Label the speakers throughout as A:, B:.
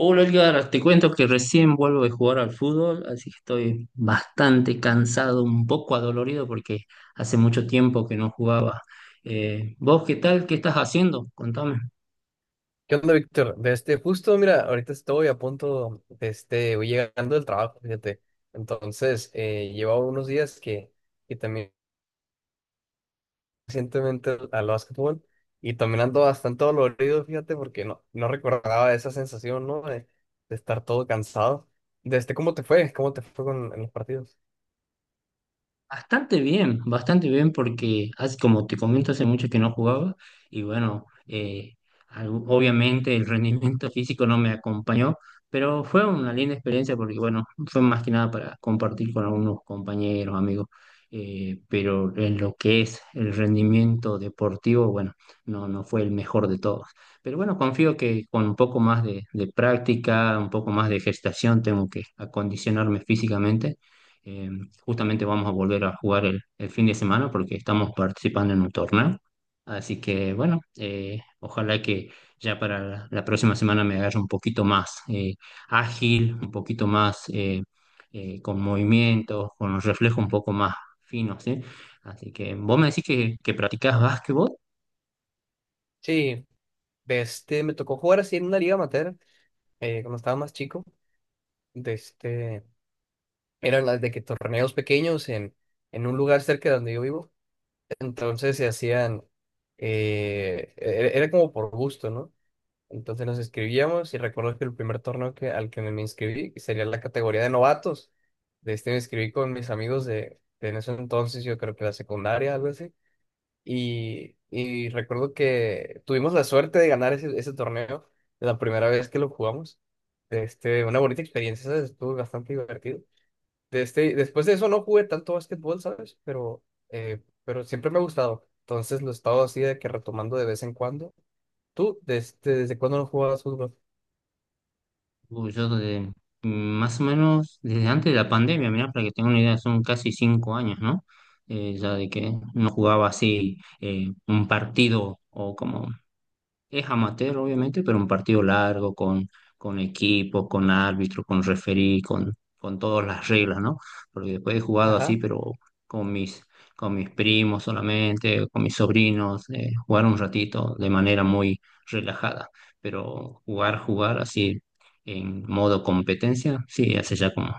A: Hola Edgar, te cuento que recién vuelvo de jugar al fútbol, así que estoy bastante cansado, un poco adolorido porque hace mucho tiempo que no jugaba. ¿Vos qué tal? ¿Qué estás haciendo? Contame.
B: ¿Qué onda, Víctor? Justo, mira, ahorita estoy a punto, voy llegando del trabajo, fíjate. Entonces, llevo unos días que también recientemente al básquetbol y también ando bastante dolorido, fíjate, porque no recordaba esa sensación, ¿no? De estar todo cansado. ¿Cómo te fue? ¿Cómo te fue en los partidos?
A: Bastante bien porque como te comento hace mucho que no jugaba y bueno, obviamente el rendimiento físico no me acompañó, pero fue una linda experiencia porque bueno, fue más que nada para compartir con algunos compañeros, amigos, pero en lo que es el rendimiento deportivo, bueno, no fue el mejor de todos. Pero bueno, confío que con un poco más de práctica, un poco más de gestación tengo que acondicionarme físicamente. eh, Justamente vamos a volver a jugar el fin de semana porque estamos participando en un torneo. Así que bueno, ojalá que ya para la próxima semana me agarre un poquito más ágil, un poquito más con movimientos, con los reflejos un poco más finos, ¿sí? Así que vos me decís que practicás básquetbol.
B: Sí, me tocó jugar así en una liga amateur, cuando estaba más chico. De este, Eran las de que torneos pequeños en un lugar cerca de donde yo vivo. Entonces se hacían, era como por gusto, ¿no? Entonces nos inscribíamos y recuerdo que el primer torneo al que me inscribí sería la categoría de novatos. De este Me inscribí con mis amigos de en ese entonces, yo creo que la secundaria, algo así. Y recuerdo que tuvimos la suerte de ganar ese torneo la primera vez que lo jugamos. Este, una bonita experiencia, ¿sabes? Estuvo bastante divertido, después de eso no jugué tanto básquetbol, ¿sabes? Pero siempre me ha gustado. Entonces lo he estado así de que retomando de vez en cuando. ¿Tú desde cuándo no jugabas fútbol?
A: Uy, yo desde, más o menos desde antes de la pandemia, mirá, para que tenga una idea, son casi 5 años, ¿no? Ya de que no jugaba así un partido o como es amateur, obviamente, pero un partido largo con, equipo, con árbitro, con referí, con todas las reglas, ¿no? Porque después he jugado así,
B: Ajá.
A: pero con mis, con mis primos solamente, con mis sobrinos, jugar un ratito de manera muy relajada. Pero jugar así en modo competencia, sí, hace ya como,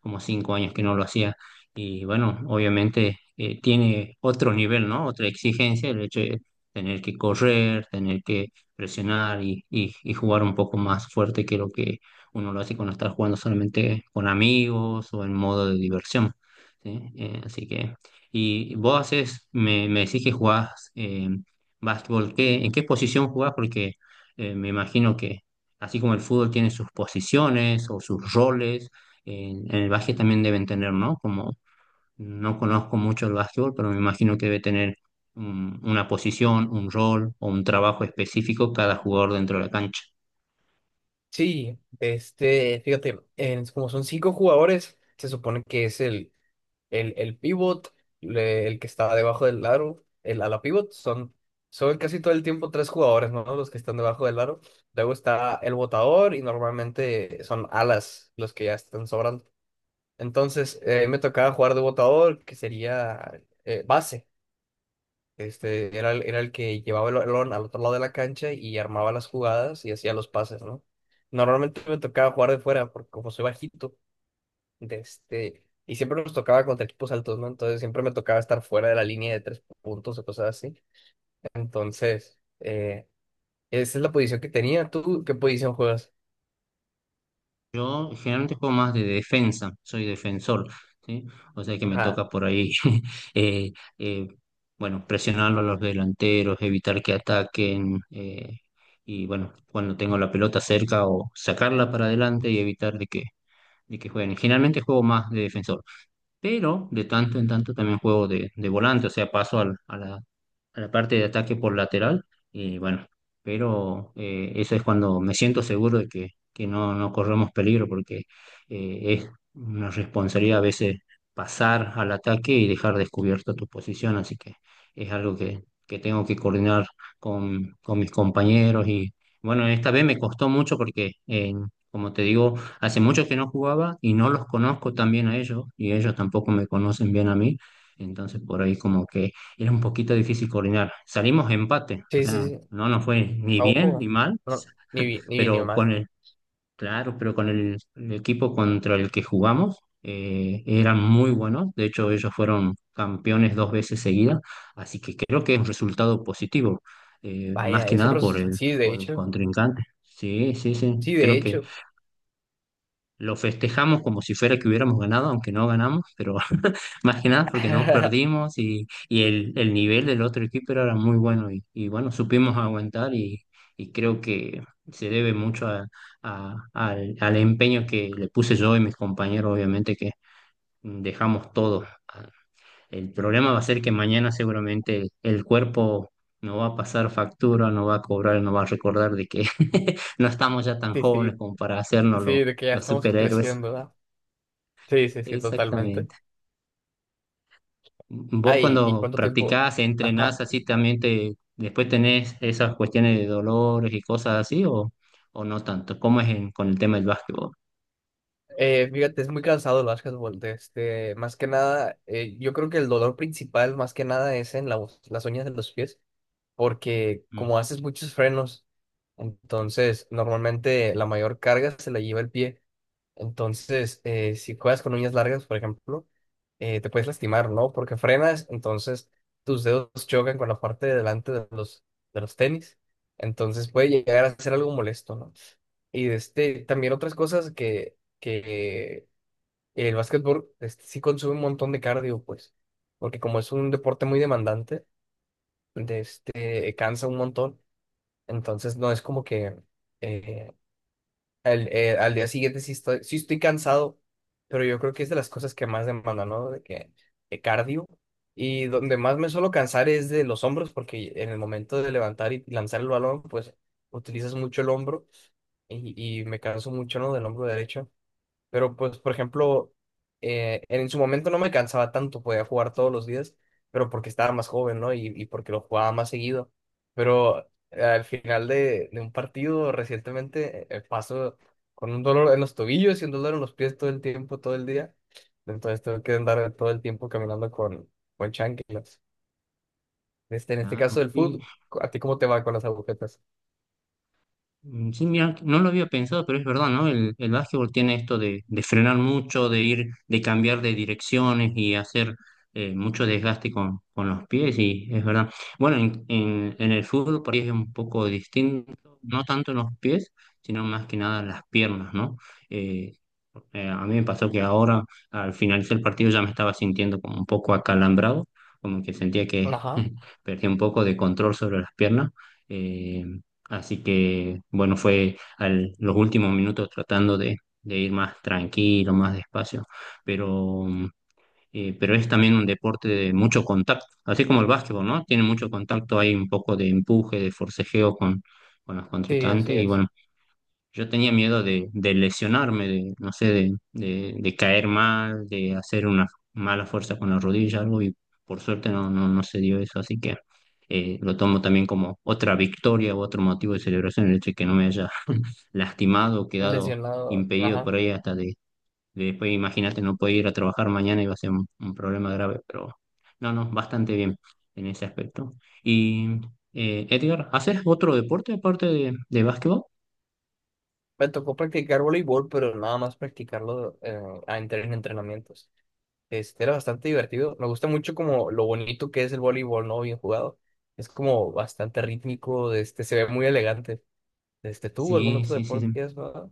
A: como 5 años que no lo hacía. Y bueno, obviamente tiene otro nivel, ¿no? Otra exigencia, el hecho de tener que correr, tener que presionar y jugar un poco más fuerte que lo que uno lo hace cuando está jugando solamente con amigos o en modo de diversión. ¿Sí? Así que, y vos haces, me decís que jugás básquetbol, ¿en qué posición jugás? Porque me imagino que así como el fútbol tiene sus posiciones o sus roles, en el básquet también deben tener, ¿no? Como no conozco mucho el básquetbol, pero me imagino que debe tener una posición, un rol o un trabajo específico cada jugador dentro de la cancha.
B: Sí, este, fíjate, como son cinco jugadores, se supone que es el pivot, el que está debajo del aro, el ala pivot, son casi todo el tiempo tres jugadores, ¿no? Los que están debajo del aro. Luego está el botador y normalmente son alas los que ya están sobrando. Entonces, me tocaba jugar de botador, que sería, base. Este, era el que llevaba el balón al otro lado de la cancha y armaba las jugadas y hacía los pases, ¿no? Normalmente me tocaba jugar de fuera, porque como soy bajito, y siempre nos tocaba contra equipos altos, ¿no? Entonces siempre me tocaba estar fuera de la línea de tres puntos o cosas así. Entonces, esa es la posición que tenía. ¿Tú qué posición juegas?
A: Yo generalmente juego más de defensa, soy defensor, ¿sí? O sea que me
B: Ajá.
A: toca por ahí, eh, eh, bueno, presionarlo a los delanteros, evitar que ataquen, y bueno, cuando tengo la pelota cerca o sacarla para adelante y evitar de que jueguen. Generalmente juego más de defensor, pero de tanto en tanto también juego de volante, o sea, paso a la parte de ataque por lateral y bueno, pero eso es cuando me siento seguro de que no corremos peligro porque es una responsabilidad a veces pasar al ataque y dejar descubierta tu posición, así que es algo que tengo que coordinar con mis compañeros y bueno, esta vez me costó mucho porque, como te digo, hace mucho que no jugaba y no los conozco tan bien a ellos y ellos tampoco me conocen bien a mí. Entonces por ahí como que era un poquito difícil coordinar. Salimos empate, o
B: Sí,
A: sea,
B: sí, sí.
A: no nos fue ni
B: A
A: bien ni
B: ojo.
A: mal,
B: No, ni vi, ni vi, ni
A: pero
B: más.
A: con el, claro, pero con el equipo contra el que jugamos eran muy buenos. De hecho, ellos fueron campeones dos veces seguidas, así que creo que es un resultado positivo, más
B: Vaya,
A: que nada por el,
B: sí, de
A: por el
B: hecho.
A: contrincante. Sí, sí, sí,
B: Sí, de
A: creo
B: hecho.
A: lo festejamos como si fuera que hubiéramos ganado, aunque no ganamos, pero más que nada porque no perdimos y el nivel del otro equipo era muy bueno y bueno, supimos aguantar y creo que se debe mucho al empeño que le puse yo y mis compañeros, obviamente que dejamos todo. El problema va a ser que mañana seguramente el cuerpo no va a pasar factura, no va a cobrar, no va a recordar de que no estamos ya tan
B: Sí,
A: jóvenes
B: sí,
A: como para hacernos los
B: sí, de que ya
A: los
B: estamos
A: superhéroes.
B: creciendo, ¿verdad? Sí, sí, sí, totalmente.
A: Exactamente. Vos
B: Ay, ¿y
A: cuando
B: cuánto tiempo?
A: practicás,
B: Ajá.
A: entrenás así también te, después tenés esas cuestiones de dolores y cosas así o no tanto. ¿Cómo es con el tema del básquetbol?
B: Fíjate, es muy cansado el básquetbol. Más que nada, yo creo que el dolor principal, más que nada, es en las uñas de los pies, porque
A: Mm,
B: como haces muchos frenos, entonces normalmente la mayor carga se la lleva el pie. Entonces, si juegas con uñas largas, por ejemplo, te puedes lastimar, ¿no? Porque frenas, entonces tus dedos chocan con la parte de delante de de los tenis. Entonces puede llegar a ser algo molesto, ¿no? Y también otras cosas que el básquetbol, este, sí consume un montón de cardio, pues, porque como es un deporte muy demandante, cansa un montón, entonces no es como que eh, al día siguiente sí estoy cansado, pero yo creo que es de las cosas que más demanda, ¿no? De cardio. Y donde más me suelo cansar es de los hombros, porque en el momento de levantar y lanzar el balón, pues utilizas mucho el hombro y me canso mucho, ¿no? Del hombro derecho. Pero pues, por ejemplo, en su momento no me cansaba tanto, podía jugar todos los días, pero porque estaba más joven, ¿no? Y porque lo jugaba más seguido. Pero, al final de un partido recientemente, paso con un dolor en los tobillos y un dolor en los pies todo el tiempo, todo el día. Entonces tengo que andar todo el tiempo caminando con chanclas. Este, en este caso
A: claro,
B: del
A: sí.
B: fútbol, ¿a ti cómo te va con las agujetas?
A: Mm, sí, mira, no lo había pensado, pero es verdad, ¿no? El básquetbol tiene esto de, frenar mucho, de ir, de cambiar de direcciones y hacer mucho desgaste con los pies, y es verdad. Bueno, en, en el fútbol por ahí es un poco distinto, no tanto en los pies, sino más que nada en las piernas, ¿no? Eh, a mí me pasó que ahora, al finalizar el partido, ya me estaba sintiendo como un poco acalambrado, como que sentía que
B: Ajá,
A: perdí un poco de control sobre las piernas. eh, Así que, bueno, fue los últimos minutos tratando de, ir más tranquilo, más despacio, pero, mm, pero es también un deporte de mucho contacto, así como el básquetbol, ¿no? Tiene mucho contacto, hay un poco de empuje, de forcejeo con los
B: sí, así
A: contrincantes y
B: es.
A: bueno, yo tenía miedo de lesionarme, de, no sé, de caer mal, de hacer una mala fuerza con la rodilla, algo, y por suerte no se dio eso, así que lo tomo también como otra victoria o otro motivo de celebración, el hecho de que no me haya lastimado o quedado
B: Lesionado,
A: impedido
B: ajá.
A: por ahí hasta de, después, imagínate, no poder ir a trabajar mañana, iba a ser un problema grave, pero no, no, bastante bien en ese aspecto. Y, Edgar, ¿haces otro deporte aparte de básquetbol?
B: Me tocó practicar voleibol, pero nada más practicarlo, a entrar en entrenamientos. Este, era bastante divertido. Me gusta mucho como lo bonito que es el voleibol, ¿no? Bien jugado. Es como bastante rítmico, este, se ve muy elegante. Este, ¿tú algún
A: Sí,
B: otro
A: sí, sí,
B: deporte
A: sí.
B: que has jugado?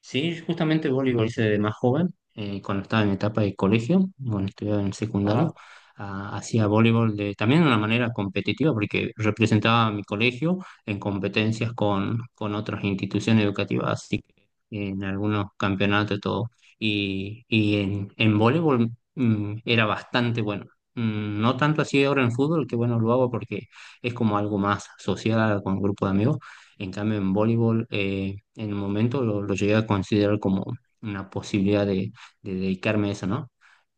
A: Sí, justamente voleibol hice de más joven, cuando estaba en etapa de colegio, bueno, estudiaba en secundario,
B: Ajá,
A: ah, hacía voleibol también de una manera competitiva, porque representaba a mi colegio en competencias con, otras instituciones educativas, así que en algunos campeonatos y todo. Y en voleibol era bastante bueno. No tanto así ahora en fútbol, que bueno, lo hago porque es como algo más social con un grupo de amigos, en cambio, en voleibol, en el momento lo, llegué a considerar como una posibilidad de dedicarme a eso, ¿no?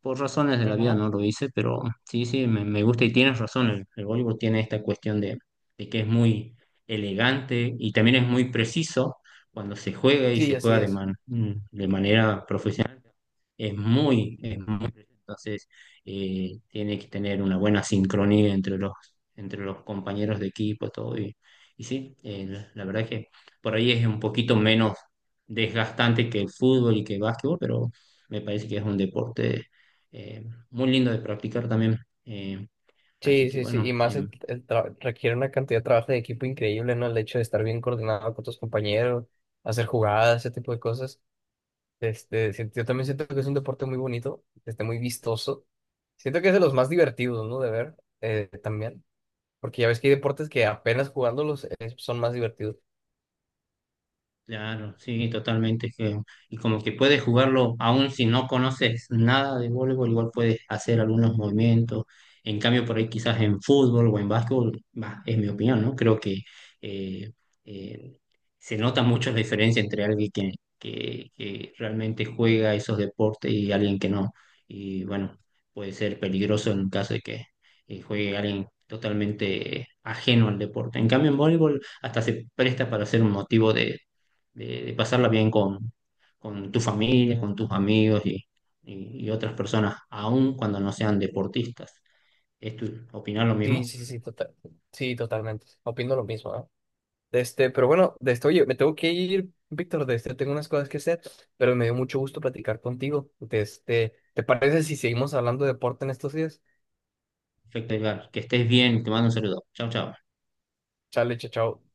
A: Por razones de la vida
B: ajá.
A: no lo hice, pero sí, sí, me gusta y tienes razón. El voleibol tiene esta cuestión de, que es muy elegante y también es muy preciso cuando se juega y
B: Sí,
A: se
B: así
A: juega de,
B: es.
A: man- mm, de manera profesional. es muy, preciso. Entonces, tiene que tener una buena sincronía entre los, compañeros de equipo, todo. Y sí, la verdad que por ahí es un poquito menos desgastante que el fútbol y que el básquetbol, pero me parece que es un deporte eh, muy lindo de practicar también. Eh, Así
B: Sí,
A: que
B: sí, sí. Y
A: bueno,
B: más requiere una cantidad de trabajo de equipo increíble, ¿no? El hecho de estar bien coordinado con tus compañeros, hacer jugadas, ese tipo de cosas. Este, yo también siento que es un deporte muy bonito, este, muy vistoso. Siento que es de los más divertidos, ¿no? De ver, también. Porque ya ves que hay deportes que apenas jugándolos, son más divertidos.
A: claro, sí, totalmente. Y como que puedes jugarlo, aún si no conoces nada de voleibol, igual puedes hacer algunos movimientos. En cambio, por ahí quizás en fútbol o en básquetbol, bah, es mi opinión, ¿no? Creo que eh, eh, se nota mucho la diferencia entre alguien que realmente juega esos deportes y alguien que no. Y bueno, puede ser peligroso en caso de que juegue alguien totalmente ajeno al deporte. En cambio, en voleibol hasta se presta para ser un motivo de, pasarla bien con tu familia, con tus amigos y otras personas, aun cuando no sean deportistas. ¿Es tu opinión lo
B: Sí,
A: mismo?
B: sí, sí, total. Sí, totalmente. Opino lo mismo, ¿no? Pero bueno, oye, me tengo que ir, Víctor, tengo unas cosas que hacer, pero me dio mucho gusto platicar contigo. ¿Te parece si seguimos hablando de deporte en estos días?
A: Perfecto, Edgar. Que estés bien, te mando un saludo. Chao, chao.
B: Chale, chao, chao.